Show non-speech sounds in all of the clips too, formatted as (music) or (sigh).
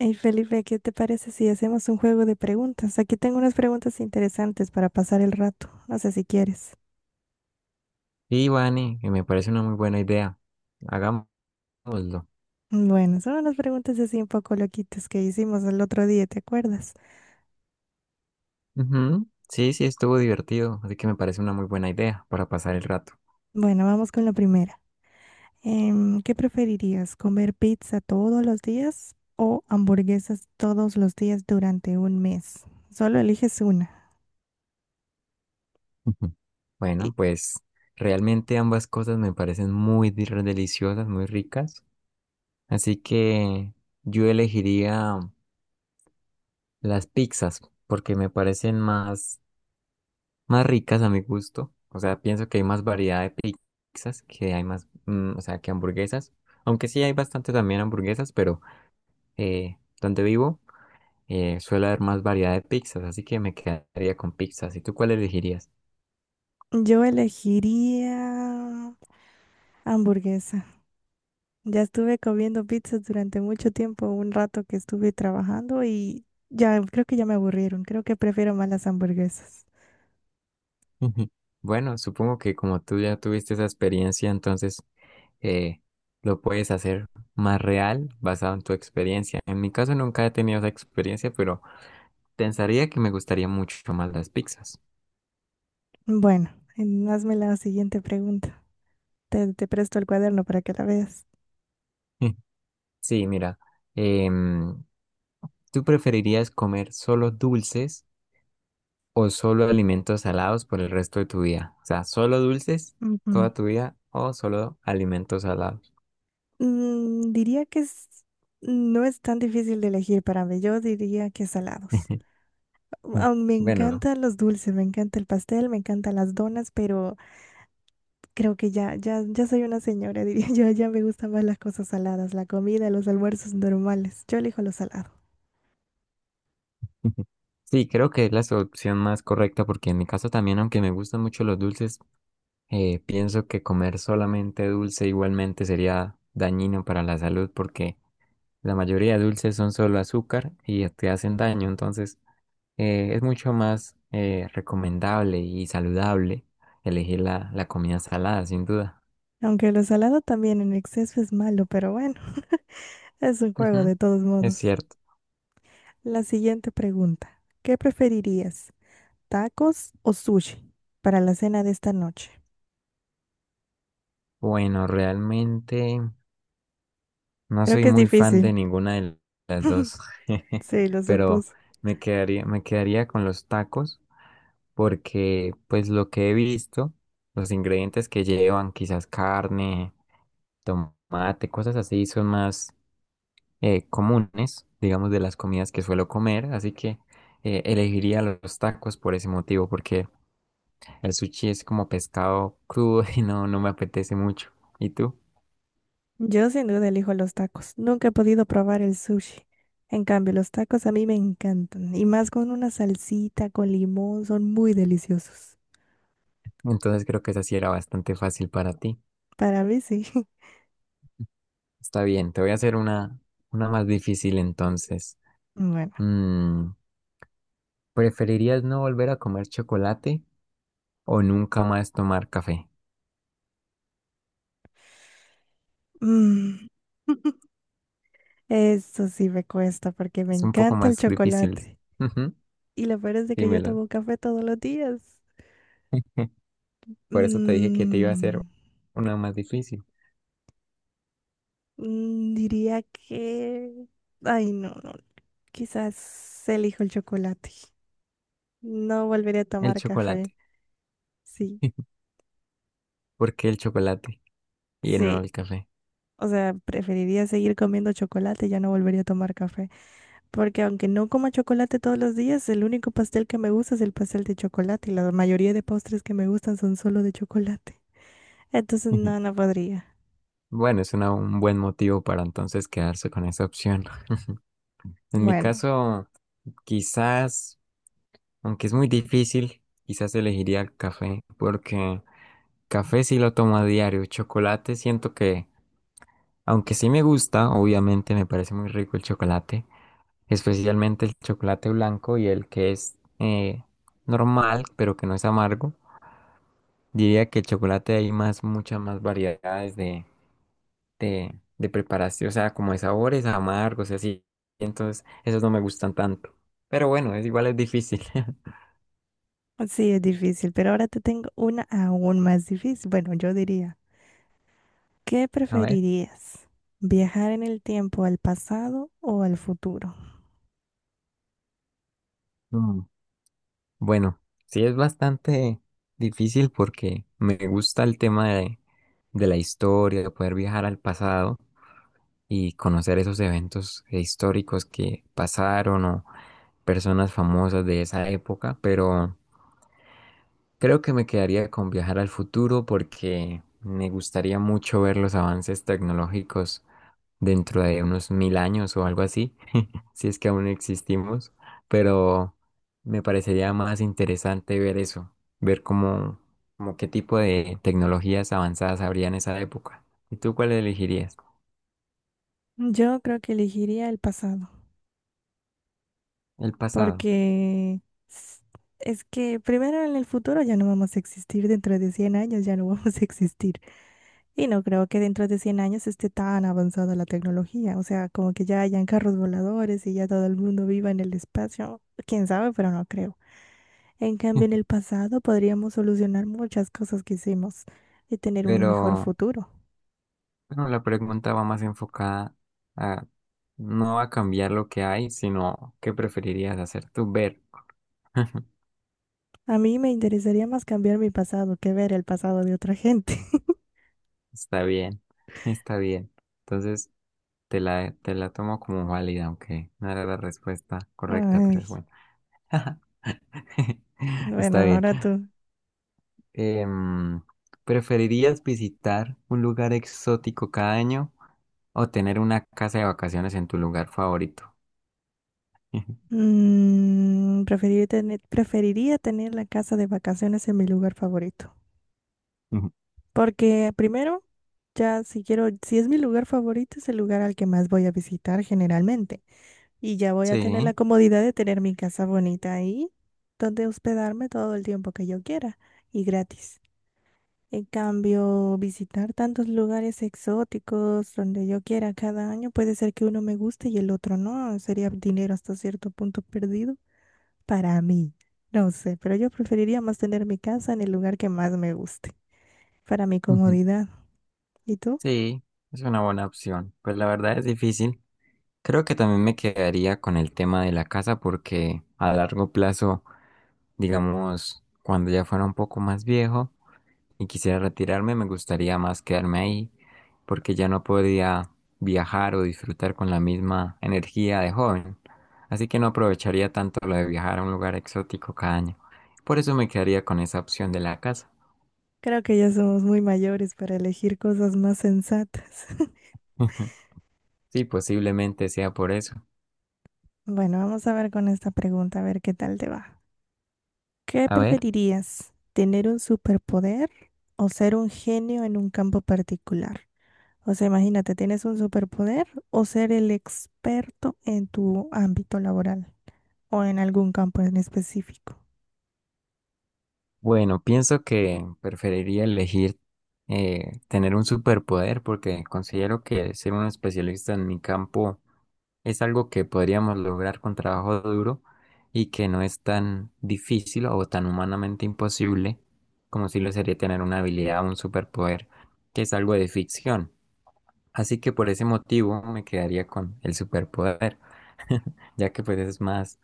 Hey Felipe, ¿qué te parece si hacemos un juego de preguntas? Aquí tengo unas preguntas interesantes para pasar el rato. No sé si quieres. Sí, Vane, que me parece una muy buena idea. Hagámoslo. Bueno, son unas preguntas así un poco loquitas que hicimos el otro día, ¿te acuerdas? Ujú. Sí, sí, estuvo divertido, así que me parece una muy buena idea para pasar el rato. Bueno, vamos con la primera. ¿Qué preferirías? ¿Comer pizza todos los días o hamburguesas todos los días durante un mes? Solo eliges una. Ujú. Y Bueno, pues realmente ambas cosas me parecen deliciosas, muy ricas, así que yo elegiría las pizzas porque me parecen más ricas a mi gusto. O sea, pienso que hay más variedad de pizzas, que hay o sea, que hamburguesas, aunque sí hay bastante también hamburguesas, pero donde vivo. Suele haber más variedad de pizzas, así que me quedaría con pizzas. ¿Y tú cuál elegirías? Yo elegiría hamburguesa. Ya estuve comiendo pizzas durante mucho tiempo, un rato que estuve trabajando y ya creo que ya me aburrieron. Creo que prefiero más las hamburguesas. (laughs) Bueno, supongo que como tú ya tuviste esa experiencia, entonces eh, lo puedes hacer más real basado en tu experiencia. En mi caso nunca he tenido esa experiencia, pero pensaría que me gustaría mucho más las pizzas. Bueno, hazme la siguiente pregunta. Te presto el cuaderno para que la veas. (laughs) Sí, mira, em, ¿tú preferirías comer solo dulces o solo alimentos salados por el resto de tu vida? O sea, solo dulces Ujú. toda tu vida o solo alimentos salados. Mm, no es tan difícil de elegir para mí. Yo diría que salados. (laughs) Ah, me Bueno, encantan los dulces, me encanta el pastel, me encantan las donas, pero creo que ya soy una señora, (laughs) diría yo. Ya me gustan más las cosas saladas, la comida, los almuerzos normales. Yo elijo lo salado. (laughs) sí, creo que es la solución más correcta porque en mi caso también, aunque me gustan mucho los dulces, pienso que comer solamente dulce igualmente sería dañino para la salud porque la mayoría de dulces son solo azúcar y te hacen daño, entonces es mucho más recomendable y saludable elegir la comida salada, sin duda. Aunque lo salado también en exceso es malo, pero bueno, (laughs) es un (laughs) juego Ujú, de todos es modos. cierto. La siguiente pregunta. ¿Qué preferirías? ¿Tacos o sushi para la cena de esta noche? Bueno, realmente... No Creo soy que es muy fan difícil. de ninguna de las (laughs) dos, (laughs) Sí, lo pero supuse. Me quedaría con los tacos porque pues lo que he visto, los ingredientes que llevan, quizás carne, tomate, cosas así, son más comunes, digamos, de las comidas que suelo comer, así que elegiría los tacos por ese motivo, porque el sushi es como pescado crudo (laughs) y no me apetece mucho. ¿Y tú? Yo sin duda elijo los tacos. Nunca he podido probar el sushi. En cambio, los tacos a mí me encantan. Y más con una salsita, con limón, son muy deliciosos. Entonces creo que esa sí era bastante fácil para ti. Para mí sí. (laughs) Está bien, te voy a hacer una más difícil entonces. Bueno. Mm, ¿preferirías no volver a comer chocolate o nunca más tomar café? mm, (laughs) Eso sí me cuesta porque me Es un poco encanta el más difícil. chocolate. Ujú, Y lo peor es de que yo dímelo. tomo café todos los días. (laughs) Por eso te dije que te iba a hacer Mm, una más difícil. Diría que... Ay, no, no. Quizás elijo el chocolate. No volveré a El tomar café. chocolate. Sí. (laughs) ¿Por qué el chocolate y no Sí, el café? o sea, preferiría seguir comiendo chocolate, ya no volvería a tomar café, porque aunque no coma chocolate todos los días, el único pastel que me gusta es el pastel de chocolate y la mayoría de postres que me gustan son solo de chocolate. Entonces, (laughs) no, no podría. Bueno, un buen motivo para entonces quedarse con esa opción. (laughs) En mi Bueno, caso, quizás, aunque es muy difícil, quizás elegiría el café porque café sí lo tomo a diario. Chocolate siento que, aunque sí me gusta, obviamente me parece muy rico el chocolate, especialmente el chocolate blanco y el que es normal, pero que no es amargo. Diría que el chocolate hay muchas más variedades de preparación, o sea, como de sabores amargos y así. Entonces, esos no me gustan tanto. Pero bueno, es igual es difícil. (laughs) sí es difícil, pero ahora te tengo una aún más difícil. Bueno, yo diría, ¿qué A ver. preferirías? ¿Viajar en el tiempo al pasado o al futuro? Bueno, sí es bastante difícil porque me gusta el tema de la historia, de poder viajar al pasado y conocer esos eventos históricos que pasaron o personas famosas de esa época, pero creo que me quedaría con viajar al futuro porque me gustaría mucho ver los avances tecnológicos dentro de unos mil años o algo así si es que aún existimos, pero me parecería más interesante ver eso, ver cómo, como qué tipo de tecnologías avanzadas habría en esa época. ¿Y tú cuál elegirías? Yo creo que elegiría el pasado. El pasado. Porque s- es que primero en el futuro ya no vamos a existir, dentro de 100 años ya no (laughs) vamos a existir. Y no creo que dentro de 100 años esté tan avanzada la tecnología. O sea, como que ya hayan carros voladores y ya todo el mundo viva en el espacio. Quién sabe, pero no creo. En cambio, en el (laughs) pasado podríamos solucionar muchas cosas que hicimos y tener un Pero mejor futuro. bueno, la pregunta va más enfocada a no a cambiar lo que hay, sino qué preferirías hacer tú ver. (laughs) A mí me interesaría más cambiar mi pasado que ver el pasado de otra gente. Está bien, está bien. Entonces te la tomo como válida, aunque no era la respuesta (laughs) correcta, pero Ay, es bueno. (laughs) Está bueno, bien. ahora tú. Em, ¿Preferirías visitar un lugar exótico cada año o tener una casa de vacaciones en tu lugar favorito? (laughs) Mm, preferiría tener la casa de vacaciones en mi lugar favorito. Porque primero, ya si quiero, si es mi lugar favorito, es el lugar al que más voy a visitar generalmente. Y ya voy a tener Sí, la comodidad de tener mi casa bonita ahí, donde hospedarme todo el tiempo que yo quiera y gratis. En cambio, visitar tantos lugares exóticos donde yo quiera cada año puede ser que uno me guste y el otro no. Sería dinero hasta cierto punto perdido. Para mí, no sé, pero yo preferiría más tener mi casa en el lugar que más me guste, para mi ujú, comodidad. ¿Y tú? sí, es una buena opción. Pues la verdad es difícil. Creo que también me quedaría con el tema de la casa porque a largo plazo, digamos, cuando ya fuera un poco más viejo, y quisiera retirarme, me gustaría más quedarme ahí porque ya no podría viajar o disfrutar con la misma energía de joven. Así que no aprovecharía tanto lo de viajar a un lugar exótico cada año. Por eso me quedaría con esa opción de la casa. Creo que ya somos muy mayores para elegir cosas más sensatas. (laughs) (laughs) Sí, posiblemente sea por eso. Bueno, vamos a ver con esta pregunta, a ver qué tal te va. ¿Qué A ver, preferirías? ¿Tener un superpoder o ser un genio en un campo particular? O sea, imagínate, ¿tienes un superpoder o ser el experto en tu ámbito laboral o en algún campo en específico? bueno, pienso que preferiría elegir tener un superpoder porque considero que ser un especialista en mi campo es algo que podríamos lograr con trabajo duro y que no es tan difícil o tan humanamente imposible como si lo sería tener una habilidad o un superpoder, que es algo de ficción. Así que por ese motivo me quedaría con el superpoder, (laughs) ya que pues es más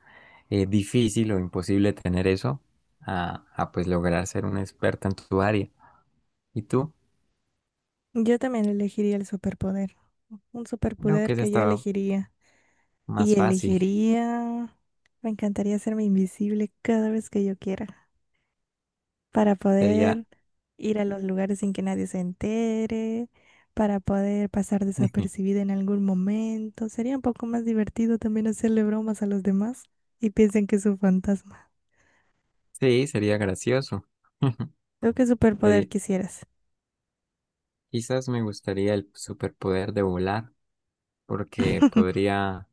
difícil o imposible tener eso pues lograr ser un experto en tu área. ¿Y tú? Yo también elegiría el superpoder. Un Creo que superpoder ese que yo estaba elegiría. más Y fácil. elegiría... Me encantaría hacerme invisible cada vez que yo quiera. Para Sería, poder ir a los lugares sin que nadie se entere. Para poder pasar (laughs) desapercibida en algún momento. Sería un poco más divertido también hacerle bromas a los demás y piensen que es un fantasma. sí, sería gracioso. (laughs) ¿Tú qué superpoder Sería- quisieras? Quizás me gustaría el superpoder de volar, porque (laughs) podría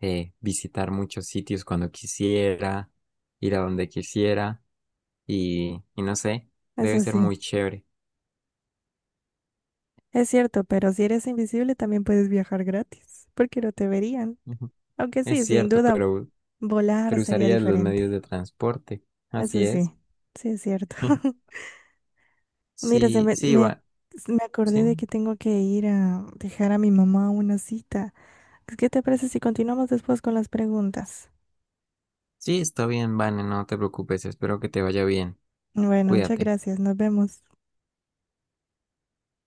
visitar muchos sitios cuando quisiera, ir a donde quisiera y no sé, debe Eso ser sí, muy chévere. es cierto, pero si eres invisible también puedes viajar gratis, porque no te verían. Ujú. Aunque Es sí, sin cierto, duda, volar pero sería usarías los medios diferente. de transporte. Así Eso sí, es. sí es cierto. (laughs) (laughs) Mira, Sí, sí, va. me acordé Sí, de que tengo que ir a dejar a mi mamá una cita. ¿Qué te parece si continuamos después con las preguntas? sí, está bien, Vane, no te preocupes, espero que te vaya bien. Bueno, muchas Cuídate. gracias. Nos vemos.